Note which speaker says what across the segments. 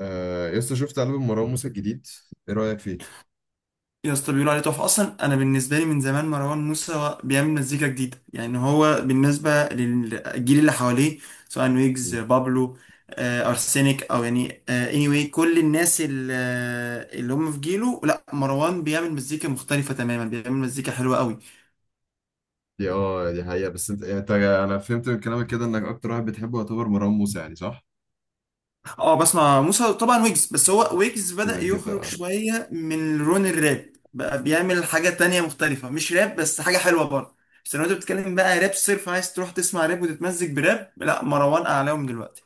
Speaker 1: آه يسطا، شفت ألبوم مروان موسى الجديد؟ ايه رأيك فيه؟
Speaker 2: يا اسطى بيقولوا عليه تحفة. أصلا أنا بالنسبة لي من زمان مروان موسى بيعمل مزيكا جديدة، يعني هو بالنسبة للجيل اللي حواليه، سواء ويجز،
Speaker 1: مم.
Speaker 2: بابلو، أرسنك، أو يعني anyway كل الناس اللي هم في جيله. لا، مروان بيعمل مزيكا مختلفة تماما، بيعمل مزيكا حلوة قوي.
Speaker 1: دي حقيقة. بس انت يعني انا فهمت من كلامك كده انك اكتر واحد بتحبه يعتبر مروان موسى، يعني صح؟
Speaker 2: اه، بسمع موسى طبعا، ويجز، بس هو ويجز
Speaker 1: كده
Speaker 2: بدأ يخرج
Speaker 1: كده.
Speaker 2: شوية من لون الراب، بقى بيعمل حاجة تانية مختلفة، مش راب بس حاجة حلوة برضه. بس لو انت بتتكلم بقى راب صرف، عايز تروح تسمع راب وتتمزج براب، لا مروان أعلاهم دلوقتي.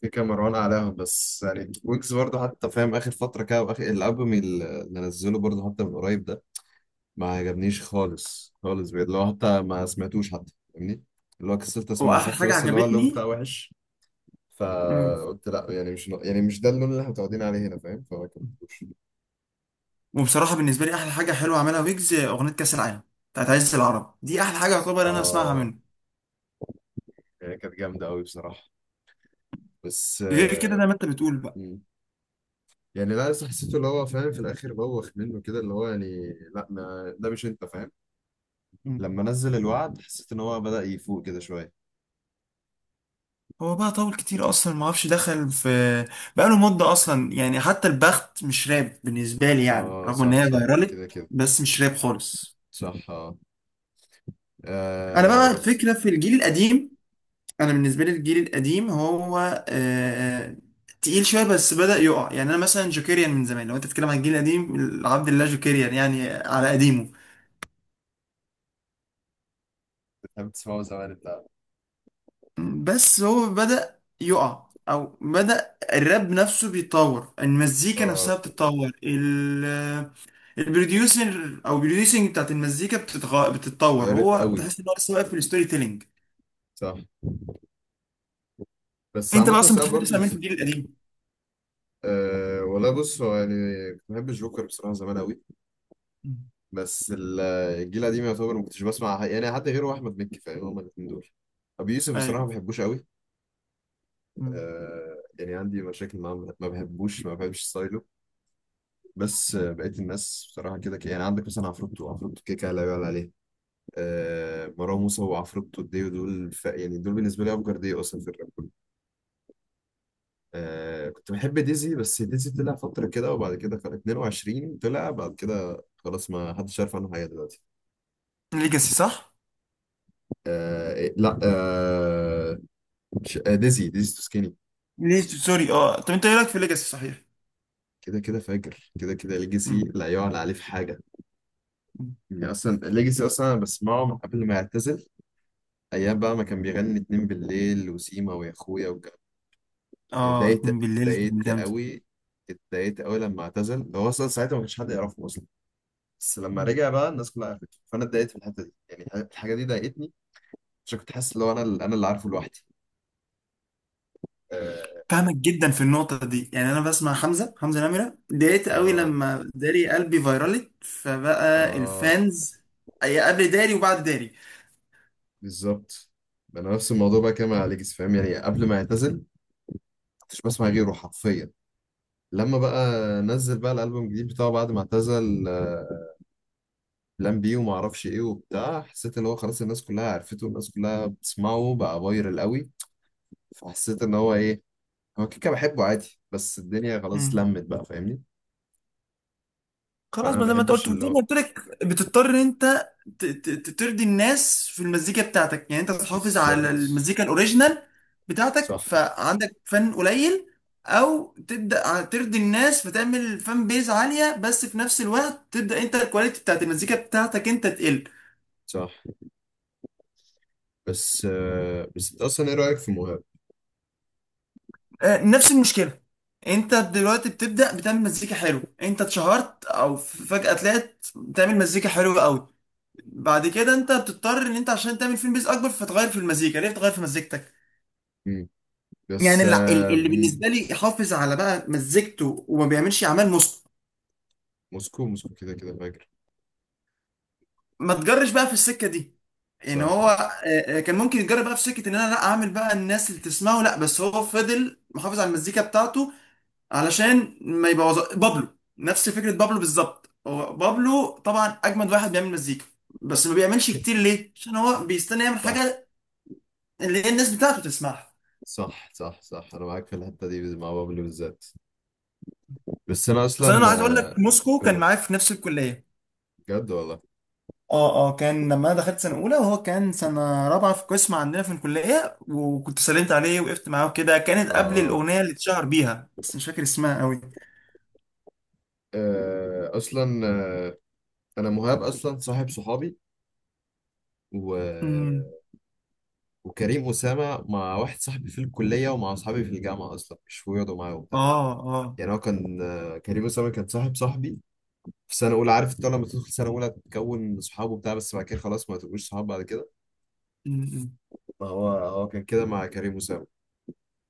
Speaker 1: في كام مروان اعلاهم، بس يعني ويجز برضه حتى، فاهم؟ اخر فترة كده، واخر الالبوم اللي نزله برضه حتى من قريب ده، ما عجبنيش خالص خالص بجد. اللي هو حتى ما سمعتوش، حتى، فاهمني؟ اللي هو كسلت
Speaker 2: هو
Speaker 1: اسمعه،
Speaker 2: آخر
Speaker 1: شفت؟
Speaker 2: حاجة
Speaker 1: بس اللي هو اللون بتاعه
Speaker 2: عجبتني.
Speaker 1: وحش.
Speaker 2: مم.
Speaker 1: فقلت لا، يعني مش ده اللون اللي احنا متعودين عليه هنا، فاهم؟ فما كملتوش.
Speaker 2: وبصراحة بالنسبة لي أحلى حاجة حلوة عملها ويجز أغنية كأس العالم بتاعت عزيز العرب، دي أحلى حاجة يعتبر أنا أسمعها
Speaker 1: آه،
Speaker 2: منه.
Speaker 1: هي كانت جامدة أوي بصراحة. بس
Speaker 2: غير كده
Speaker 1: آه،
Speaker 2: زي ما أنت بتقول بقى.
Speaker 1: مم. يعني لا، لسه حسيته اللي هو، فاهم، في الآخر بوخ منه كده، اللي هو يعني لا ما ده، مش أنت فاهم.
Speaker 2: مم.
Speaker 1: لما نزل الوعد حسيت إن هو بدأ يفوق كده شوية.
Speaker 2: هو بقى طول كتير اصلا، ما اعرفش دخل في، بقى له مده اصلا، يعني حتى البخت مش راب بالنسبه لي، يعني
Speaker 1: آه
Speaker 2: رغم ان
Speaker 1: صح
Speaker 2: هي
Speaker 1: صح. كده
Speaker 2: فيرالت
Speaker 1: كده.
Speaker 2: بس مش راب خالص.
Speaker 1: صح.
Speaker 2: انا
Speaker 1: آه
Speaker 2: بقى
Speaker 1: بس.
Speaker 2: الفكره في الجيل القديم، انا بالنسبه لي الجيل القديم هو تقيل شويه بس بدا يقع. يعني انا مثلا جوكيريان من زمان، لو انت بتتكلم عن الجيل القديم، عبد الله جوكيريان يعني على قديمه.
Speaker 1: بتحب تسمعه زمان أنت؟
Speaker 2: بس هو بدأ يقع، او بدأ الراب نفسه بيتطور، المزيكا
Speaker 1: آه،
Speaker 2: نفسها بتتطور، البروديوسر او البروديوسنج بتاعت المزيكا بتتطور،
Speaker 1: غيرت
Speaker 2: هو
Speaker 1: أوي.
Speaker 2: تحس ان هو لسه واقف في الستوري تيلينج.
Speaker 1: صح. بس
Speaker 2: انت بقى
Speaker 1: عامة
Speaker 2: اصلا
Speaker 1: ساعات
Speaker 2: بتحب
Speaker 1: برضه
Speaker 2: تسمع مين في الجيل القديم؟
Speaker 1: آه والله، بص هو يعني، كنت بحب الجوكر بصراحة زمان أوي.
Speaker 2: مم.
Speaker 1: بس الجيل القديم يعتبر ما كنتش بسمع يعني حد غيره، احمد مكي، فاهم؟ هما الاثنين دول. ابي يوسف بصراحه ما
Speaker 2: ايوه.
Speaker 1: بحبوش قوي. آه، يعني عندي مشاكل معاه، ما بحبش ستايله. بس بقيت الناس بصراحه كده، يعني عندك مثلا عفروتو، عفروتو كده كده لا يعلى عليه. آه، مروان موسى وعفروتو ديو دول، يعني دول بالنسبه لي افجر ديو اصلا في الراب كله. آه، كنت بحب ديزي، بس ديزي طلع فتره كده، وبعد كده كان 22، طلع بعد كده، خلاص ما حدش عارف عنه حاجه دلوقتي.
Speaker 2: ليجاسي صح؟
Speaker 1: لا، مش، ديزي تو سكيني.
Speaker 2: ليه سوري اه، طب انت ايه رايك في ليجاسي صحيح؟
Speaker 1: كده كده فاجر، كده كده ليجاسي
Speaker 2: مم.
Speaker 1: لا يعلى عليه في حاجه.
Speaker 2: مم.
Speaker 1: يعني اصلا ليجاسي، اصلا انا بسمعه من قبل ما يعتزل. ايام بقى ما كان بيغني اتنين بالليل، وسيما، ويا اخويا،
Speaker 2: اه،
Speaker 1: اتضايقت
Speaker 2: اتنين بالليل كان
Speaker 1: اتضايقت
Speaker 2: جامد.
Speaker 1: قوي اتضايقت قوي لما اعتزل. هو اصلا ساعتها ما كانش حد يعرفه اصلا. بس لما رجع بقى الناس كلها عرفته، فانا اتضايقت في الحته دي، يعني الحاجه دي ضايقتني. عشان كنت حاسس ان هو انا اللي عارفه لوحدي. اه
Speaker 2: فاهمك جدا في النقطة دي، يعني أنا بسمع حمزة، حمزة نمرة، اتضايقت قوي
Speaker 1: اه،
Speaker 2: لما داري قلبي فيرالت، فبقى
Speaker 1: آه.
Speaker 2: الفانز أي قبل داري وبعد داري.
Speaker 1: بالظبط. انا نفس الموضوع بقى كده مع ليجاسي، فاهم؟ يعني قبل ما يعتزل كنتش بسمع غيره حرفيا. لما بقى نزل بقى الالبوم الجديد بتاعه بعد ما اعتزل، بلان بي وما اعرفش ايه وبتاع، حسيت ان هو خلاص الناس كلها عرفته والناس كلها بتسمعه بقى فايرال قوي. فحسيت ان هو ايه، هو كيكه بحبه عادي بس الدنيا خلاص
Speaker 2: مم.
Speaker 1: لمت بقى، فاهمني؟ فانا
Speaker 2: خلاص،
Speaker 1: ما
Speaker 2: ما زي ما انت
Speaker 1: بحبش
Speaker 2: قلت،
Speaker 1: اللي
Speaker 2: زي ما
Speaker 1: هو،
Speaker 2: قلت لك، بتضطر ان انت ترضي الناس في المزيكا بتاعتك، يعني انت تحافظ على
Speaker 1: بالظبط.
Speaker 2: المزيكا الاوريجينال بتاعتك
Speaker 1: صح
Speaker 2: فعندك فن قليل، او تبدا ترضي الناس فتعمل فان بيز عاليه بس في نفس الوقت تبدا انت الكواليتي بتاعت المزيكا بتاعتك انت تقل.
Speaker 1: صح. بس انت اصلا ايه رايك في مهاب؟
Speaker 2: نفس المشكله. انت دلوقتي بتبدا بتعمل مزيكا حلو، انت اتشهرت او فجاه طلعت بتعمل مزيكا حلوه قوي، بعد كده انت بتضطر ان انت عشان تعمل فيلم بيز اكبر فتغير في المزيكا، ليه بتغير في مزيكتك؟
Speaker 1: مم.
Speaker 2: يعني
Speaker 1: بس آه،
Speaker 2: اللي
Speaker 1: مم.
Speaker 2: بالنسبه لي يحافظ على بقى مزيكته وما بيعملش اعمال نص،
Speaker 1: موسكو موسكو كده كده فاجر.
Speaker 2: ما تجرش بقى في السكه دي. يعني
Speaker 1: صح.
Speaker 2: هو كان ممكن يتجرب بقى في سكه ان انا لا اعمل بقى الناس اللي تسمعه، لا بس هو فضل محافظ على المزيكا بتاعته، علشان ما يبوظ بابلو. نفس فكرة بابلو بالظبط، هو بابلو طبعا أجمد واحد بيعمل مزيكا، بس ما بيعملش كتير. ليه؟ عشان هو بيستنى يعمل
Speaker 1: صح
Speaker 2: حاجة اللي هي الناس بتاعته تسمعها.
Speaker 1: صح صح صح. انا معاك في الحته دي مع بابلو بالذات. بس انا
Speaker 2: أصل أنا
Speaker 1: اصلا،
Speaker 2: عايز أقول
Speaker 1: آه،
Speaker 2: لك موسكو كان
Speaker 1: قول.
Speaker 2: معايا في نفس الكلية.
Speaker 1: بجد والله.
Speaker 2: اه اه، كان لما انا دخلت سنه اولى وهو كان سنه رابعه في قسم عندنا في الكليه، وكنت سلمت عليه وقفت معاه كده، كانت قبل
Speaker 1: اه،
Speaker 2: الاغنيه اللي اتشهر بيها بس مش فاكر اسمها قوي.
Speaker 1: اصلا، آه، انا مهاب اصلا صاحب صحابي، و...
Speaker 2: امم.
Speaker 1: وكريم اسامه مع واحد صاحبي في الكليه ومع اصحابي في الجامعه، اصلا مش بيقعدوا معايا وبتاع.
Speaker 2: اه اه.
Speaker 1: يعني هو كان، كريم اسامه كان صاحب صاحبي في سنه اولى. عارف انت لما تدخل سنه اولى تكون صحابه بتاع بس بعد كده خلاص ما تبقوش صحاب بعد كده.
Speaker 2: مم.
Speaker 1: فهو هو هو كان كده مع كريم اسامه.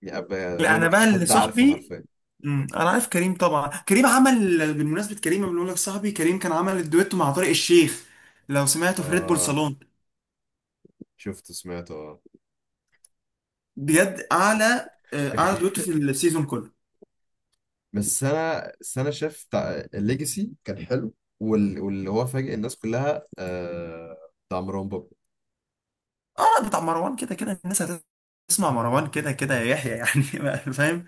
Speaker 1: يعني يعني اللي
Speaker 2: لا
Speaker 1: هو ما
Speaker 2: انا بقى
Speaker 1: كانش
Speaker 2: اللي
Speaker 1: حد عارفه
Speaker 2: صاحبي.
Speaker 1: حرفيا.
Speaker 2: امم، انا عارف كريم طبعا. كريم عمل بالمناسبه، كريم لما بنقول لك صاحبي كريم كان عمل الدويتو مع طارق الشيخ، لو سمعته في ريد بول
Speaker 1: اه
Speaker 2: صالون.
Speaker 1: شفت سمعته اه.
Speaker 2: بجد اعلى اعلى دويتو في السيزون كله.
Speaker 1: بس انا شفت الليجاسي كان حلو. واللي هو فاجئ الناس كلها، بتاع مروان بابلو.
Speaker 2: اه، بتاع مروان كده كده الناس هتسمع مروان كده كده يا يحيى يعني. فاهم.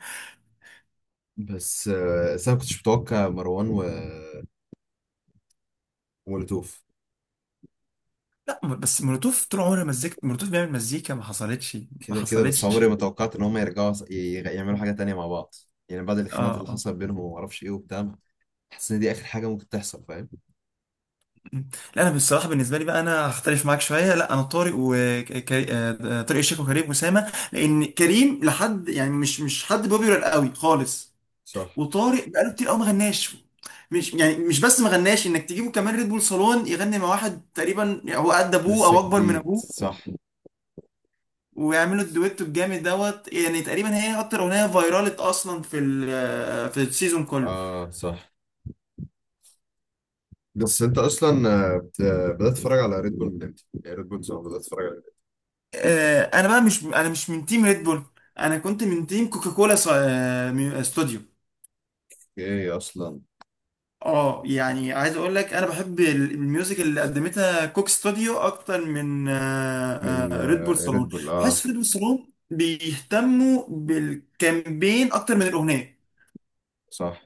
Speaker 1: بس انا ما كنتش متوقع مروان، ومولوتوف.
Speaker 2: لا بس مولوتوف طول عمرها مزيكا، مولوتوف بيعمل مزيكا ما حصلتش، ما
Speaker 1: كده كده، بس
Speaker 2: حصلتش
Speaker 1: عمري
Speaker 2: اه.
Speaker 1: ما توقعت ان هم يرجعوا يعملوا حاجه تانية مع بعض. يعني بعد الخناقات اللي
Speaker 2: آه.
Speaker 1: حصلت بينهم وما اعرفش ايه وبتاع. حاسس ان دي اخر حاجه ممكن تحصل، فاهم؟
Speaker 2: مم. لا انا بصراحه بالنسبه لي بقى انا هختلف معاك شويه، لا انا طارق، وطارق الشيخ وكريم اسامه، لان كريم لحد يعني مش، مش حد بوبيولار قوي خالص،
Speaker 1: صح.
Speaker 2: وطارق بقاله كتير قوي ما غناش. مش يعني مش بس ما غناش، انك تجيبه كمان ريد بول صالون يغني مع واحد تقريبا يعني هو قد ابوه
Speaker 1: لسه
Speaker 2: او اكبر من
Speaker 1: جديد،
Speaker 2: ابوه،
Speaker 1: صح.
Speaker 2: ويعملوا الدويتو الجامد دوت، يعني تقريبا هي اكتر اغنيه فايرالت اصلا في في السيزون كله.
Speaker 1: اه، صح. بس انت اصلا، آه، بت- بدات تتفرج على ريد بول من امتى؟ يعني ريد بول، صح، بدات تتفرج؟
Speaker 2: انا بقى مش، انا مش من تيم ريد بول، انا كنت من تيم كوكاكولا استوديو.
Speaker 1: ايه اصلا
Speaker 2: اه يعني عايز اقول لك انا بحب الميوزك اللي قدمتها كوك ستوديو اكتر من
Speaker 1: من
Speaker 2: ريد بول صالون.
Speaker 1: ريد بول؟ اه،
Speaker 2: بحس ريد بول صالون بيهتموا بالكامبين اكتر من الاغنيه،
Speaker 1: صح.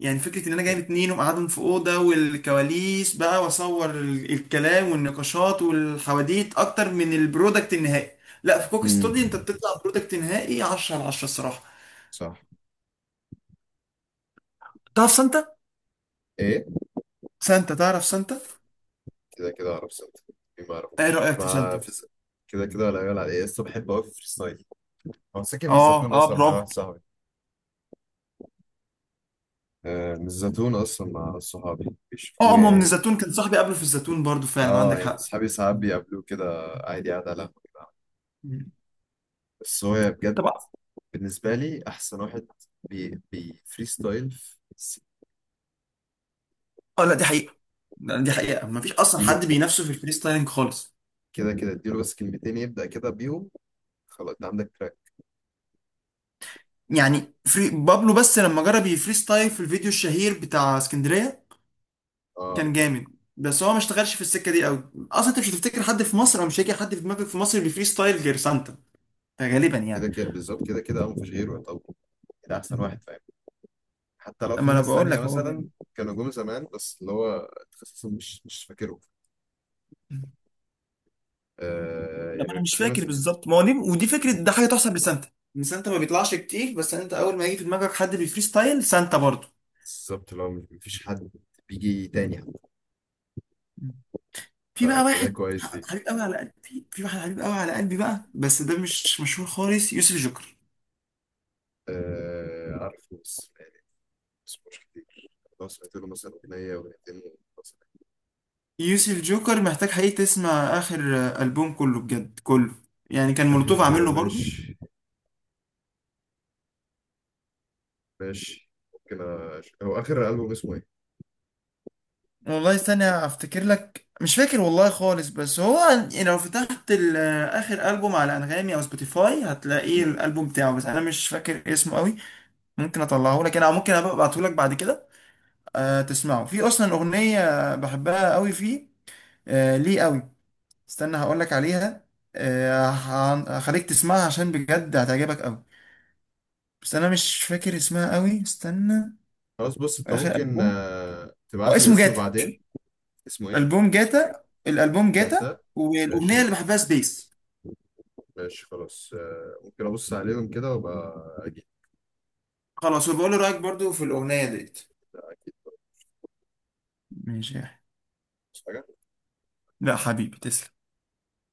Speaker 2: يعني فكره ان انا جايب اتنين ومقعدهم في اوضه والكواليس بقى واصور الكلام والنقاشات والحواديت اكتر من البرودكت النهائي. لا في كوك
Speaker 1: امم.
Speaker 2: ستوديو انت بتطلع برودكت نهائي 10 على 10 الصراحه.
Speaker 1: صح.
Speaker 2: تعرف سانتا؟
Speaker 1: ايه؟
Speaker 2: سانتا، تعرف سانتا؟
Speaker 1: كده كده اعرف سنت. إيه، ما
Speaker 2: ايه
Speaker 1: اعرفوش
Speaker 2: رايك في
Speaker 1: ما
Speaker 2: سانتا؟
Speaker 1: في كده كده، ولا يقول على ايه، لسه بحب اوي في فريستايل. هو ساكن في
Speaker 2: اه
Speaker 1: الزيتون
Speaker 2: اه،
Speaker 1: اصلا مع
Speaker 2: برافو.
Speaker 1: واحد صاحبي. آه، من الزيتون اصلا مع صحابي.
Speaker 2: اه اه،
Speaker 1: بيشوفوه
Speaker 2: ما من
Speaker 1: يعني.
Speaker 2: الزيتون كان صاحبي قبله في الزيتون برضو، فعلا
Speaker 1: اه،
Speaker 2: عندك
Speaker 1: يعني
Speaker 2: حق.
Speaker 1: صحابي ساعات بيقابلوه كده، عادي قاعد على القهوة كده.
Speaker 2: مم.
Speaker 1: بس هو بجد
Speaker 2: طبعا.
Speaker 1: بالنسبة لي أحسن واحد بي فريستايل في
Speaker 2: اه لا دي حقيقة. لا، دي
Speaker 1: يعني
Speaker 2: حقيقة، ما فيش اصلا
Speaker 1: اديله
Speaker 2: حد بينافسه في الفري ستايلنج خالص.
Speaker 1: كده كده، اديله بس كلمتين يبدأ كده بيهم، خلاص ده عندك.
Speaker 2: يعني فري بابلو بس لما جرب يفري ستايل في الفيديو الشهير بتاع اسكندرية
Speaker 1: تراك.
Speaker 2: كان جامد، بس هو ما اشتغلش في السكة دي قوي اصلا، انت مش هتفتكر حد في مصر، او مش هيجي حد في دماغك في مصر بيفري ستايل غير سانتا، غالبا
Speaker 1: كده
Speaker 2: يعني.
Speaker 1: كده، بالظبط، كده كده، اه مفيش غيره يعني. طب، ده احسن
Speaker 2: مم.
Speaker 1: واحد، فاهم؟ حتى لو
Speaker 2: طب ما
Speaker 1: في
Speaker 2: انا
Speaker 1: ناس
Speaker 2: بقول
Speaker 1: تانية
Speaker 2: لك هو جامد.
Speaker 1: مثلا كانوا جم زمان، بس اللي هو تخصصهم مش فاكره.
Speaker 2: ده ما
Speaker 1: يعني
Speaker 2: انا مش
Speaker 1: في
Speaker 2: فاكر
Speaker 1: مثلا.
Speaker 2: بالظبط، ما هو دي ودي فكره،
Speaker 1: مم،
Speaker 2: ده حاجه تحسب لسانتا، ان سانتا ما بيطلعش كتير بس انت اول ما يجي في دماغك حد بيفري ستايل سانتا برضه.
Speaker 1: بالظبط، اللي هو مفيش حد بيجي تاني حتى. ف...
Speaker 2: في بقى
Speaker 1: فده
Speaker 2: واحد
Speaker 1: كويس فيه.
Speaker 2: حبيب قوي على قلبي، في واحد حبيب قوي على قلبي بقى بس ده مش مشهور خالص، يوسف جوكر.
Speaker 1: آه، عارفه بس يعني، بس مش كتير. لو سمعت له مثلا أغنية، أغنيتين، خلاص.
Speaker 2: يوسف جوكر محتاج حقيقي تسمع اخر البوم كله، بجد كله، يعني كان
Speaker 1: آخر،
Speaker 2: مولوتوف عامل له برضه.
Speaker 1: ماشي. ماشي، ممكن. هو آخر ألبوم اسمه إيه؟
Speaker 2: والله استنى افتكر لك، مش فاكر والله خالص، بس هو لو فتحت اخر البوم على انغامي او سبوتيفاي هتلاقيه
Speaker 1: مم.
Speaker 2: الالبوم بتاعه، بس انا مش فاكر اسمه قوي. ممكن اطلعه لك انا او ممكن ابعته لك بعد كده. أه تسمعه، في اصلا اغنيه بحبها قوي فيه، أه ليه قوي، استنى هقول لك عليها، أه هخليك تسمعها عشان بجد هتعجبك قوي، بس انا مش فاكر اسمها قوي، استنى.
Speaker 1: خلاص، بص أنت
Speaker 2: اخر
Speaker 1: ممكن
Speaker 2: البوم، او
Speaker 1: تبعت لي
Speaker 2: اسمه
Speaker 1: الاسم
Speaker 2: جاتا.
Speaker 1: بعدين. اسمه إيه؟
Speaker 2: البوم جاتا، الالبوم جاتا،
Speaker 1: جاتا.
Speaker 2: والاغنيه
Speaker 1: ماشي.
Speaker 2: اللي بحبها سبيس.
Speaker 1: ماشي، خلاص، ممكن ابص عليهم كده وابقى اجيب.
Speaker 2: خلاص وبقول لي رايك برضو في الاغنيه ديت.
Speaker 1: اكيد.
Speaker 2: ماشي يا أحمد. لا حبيبي تسلم.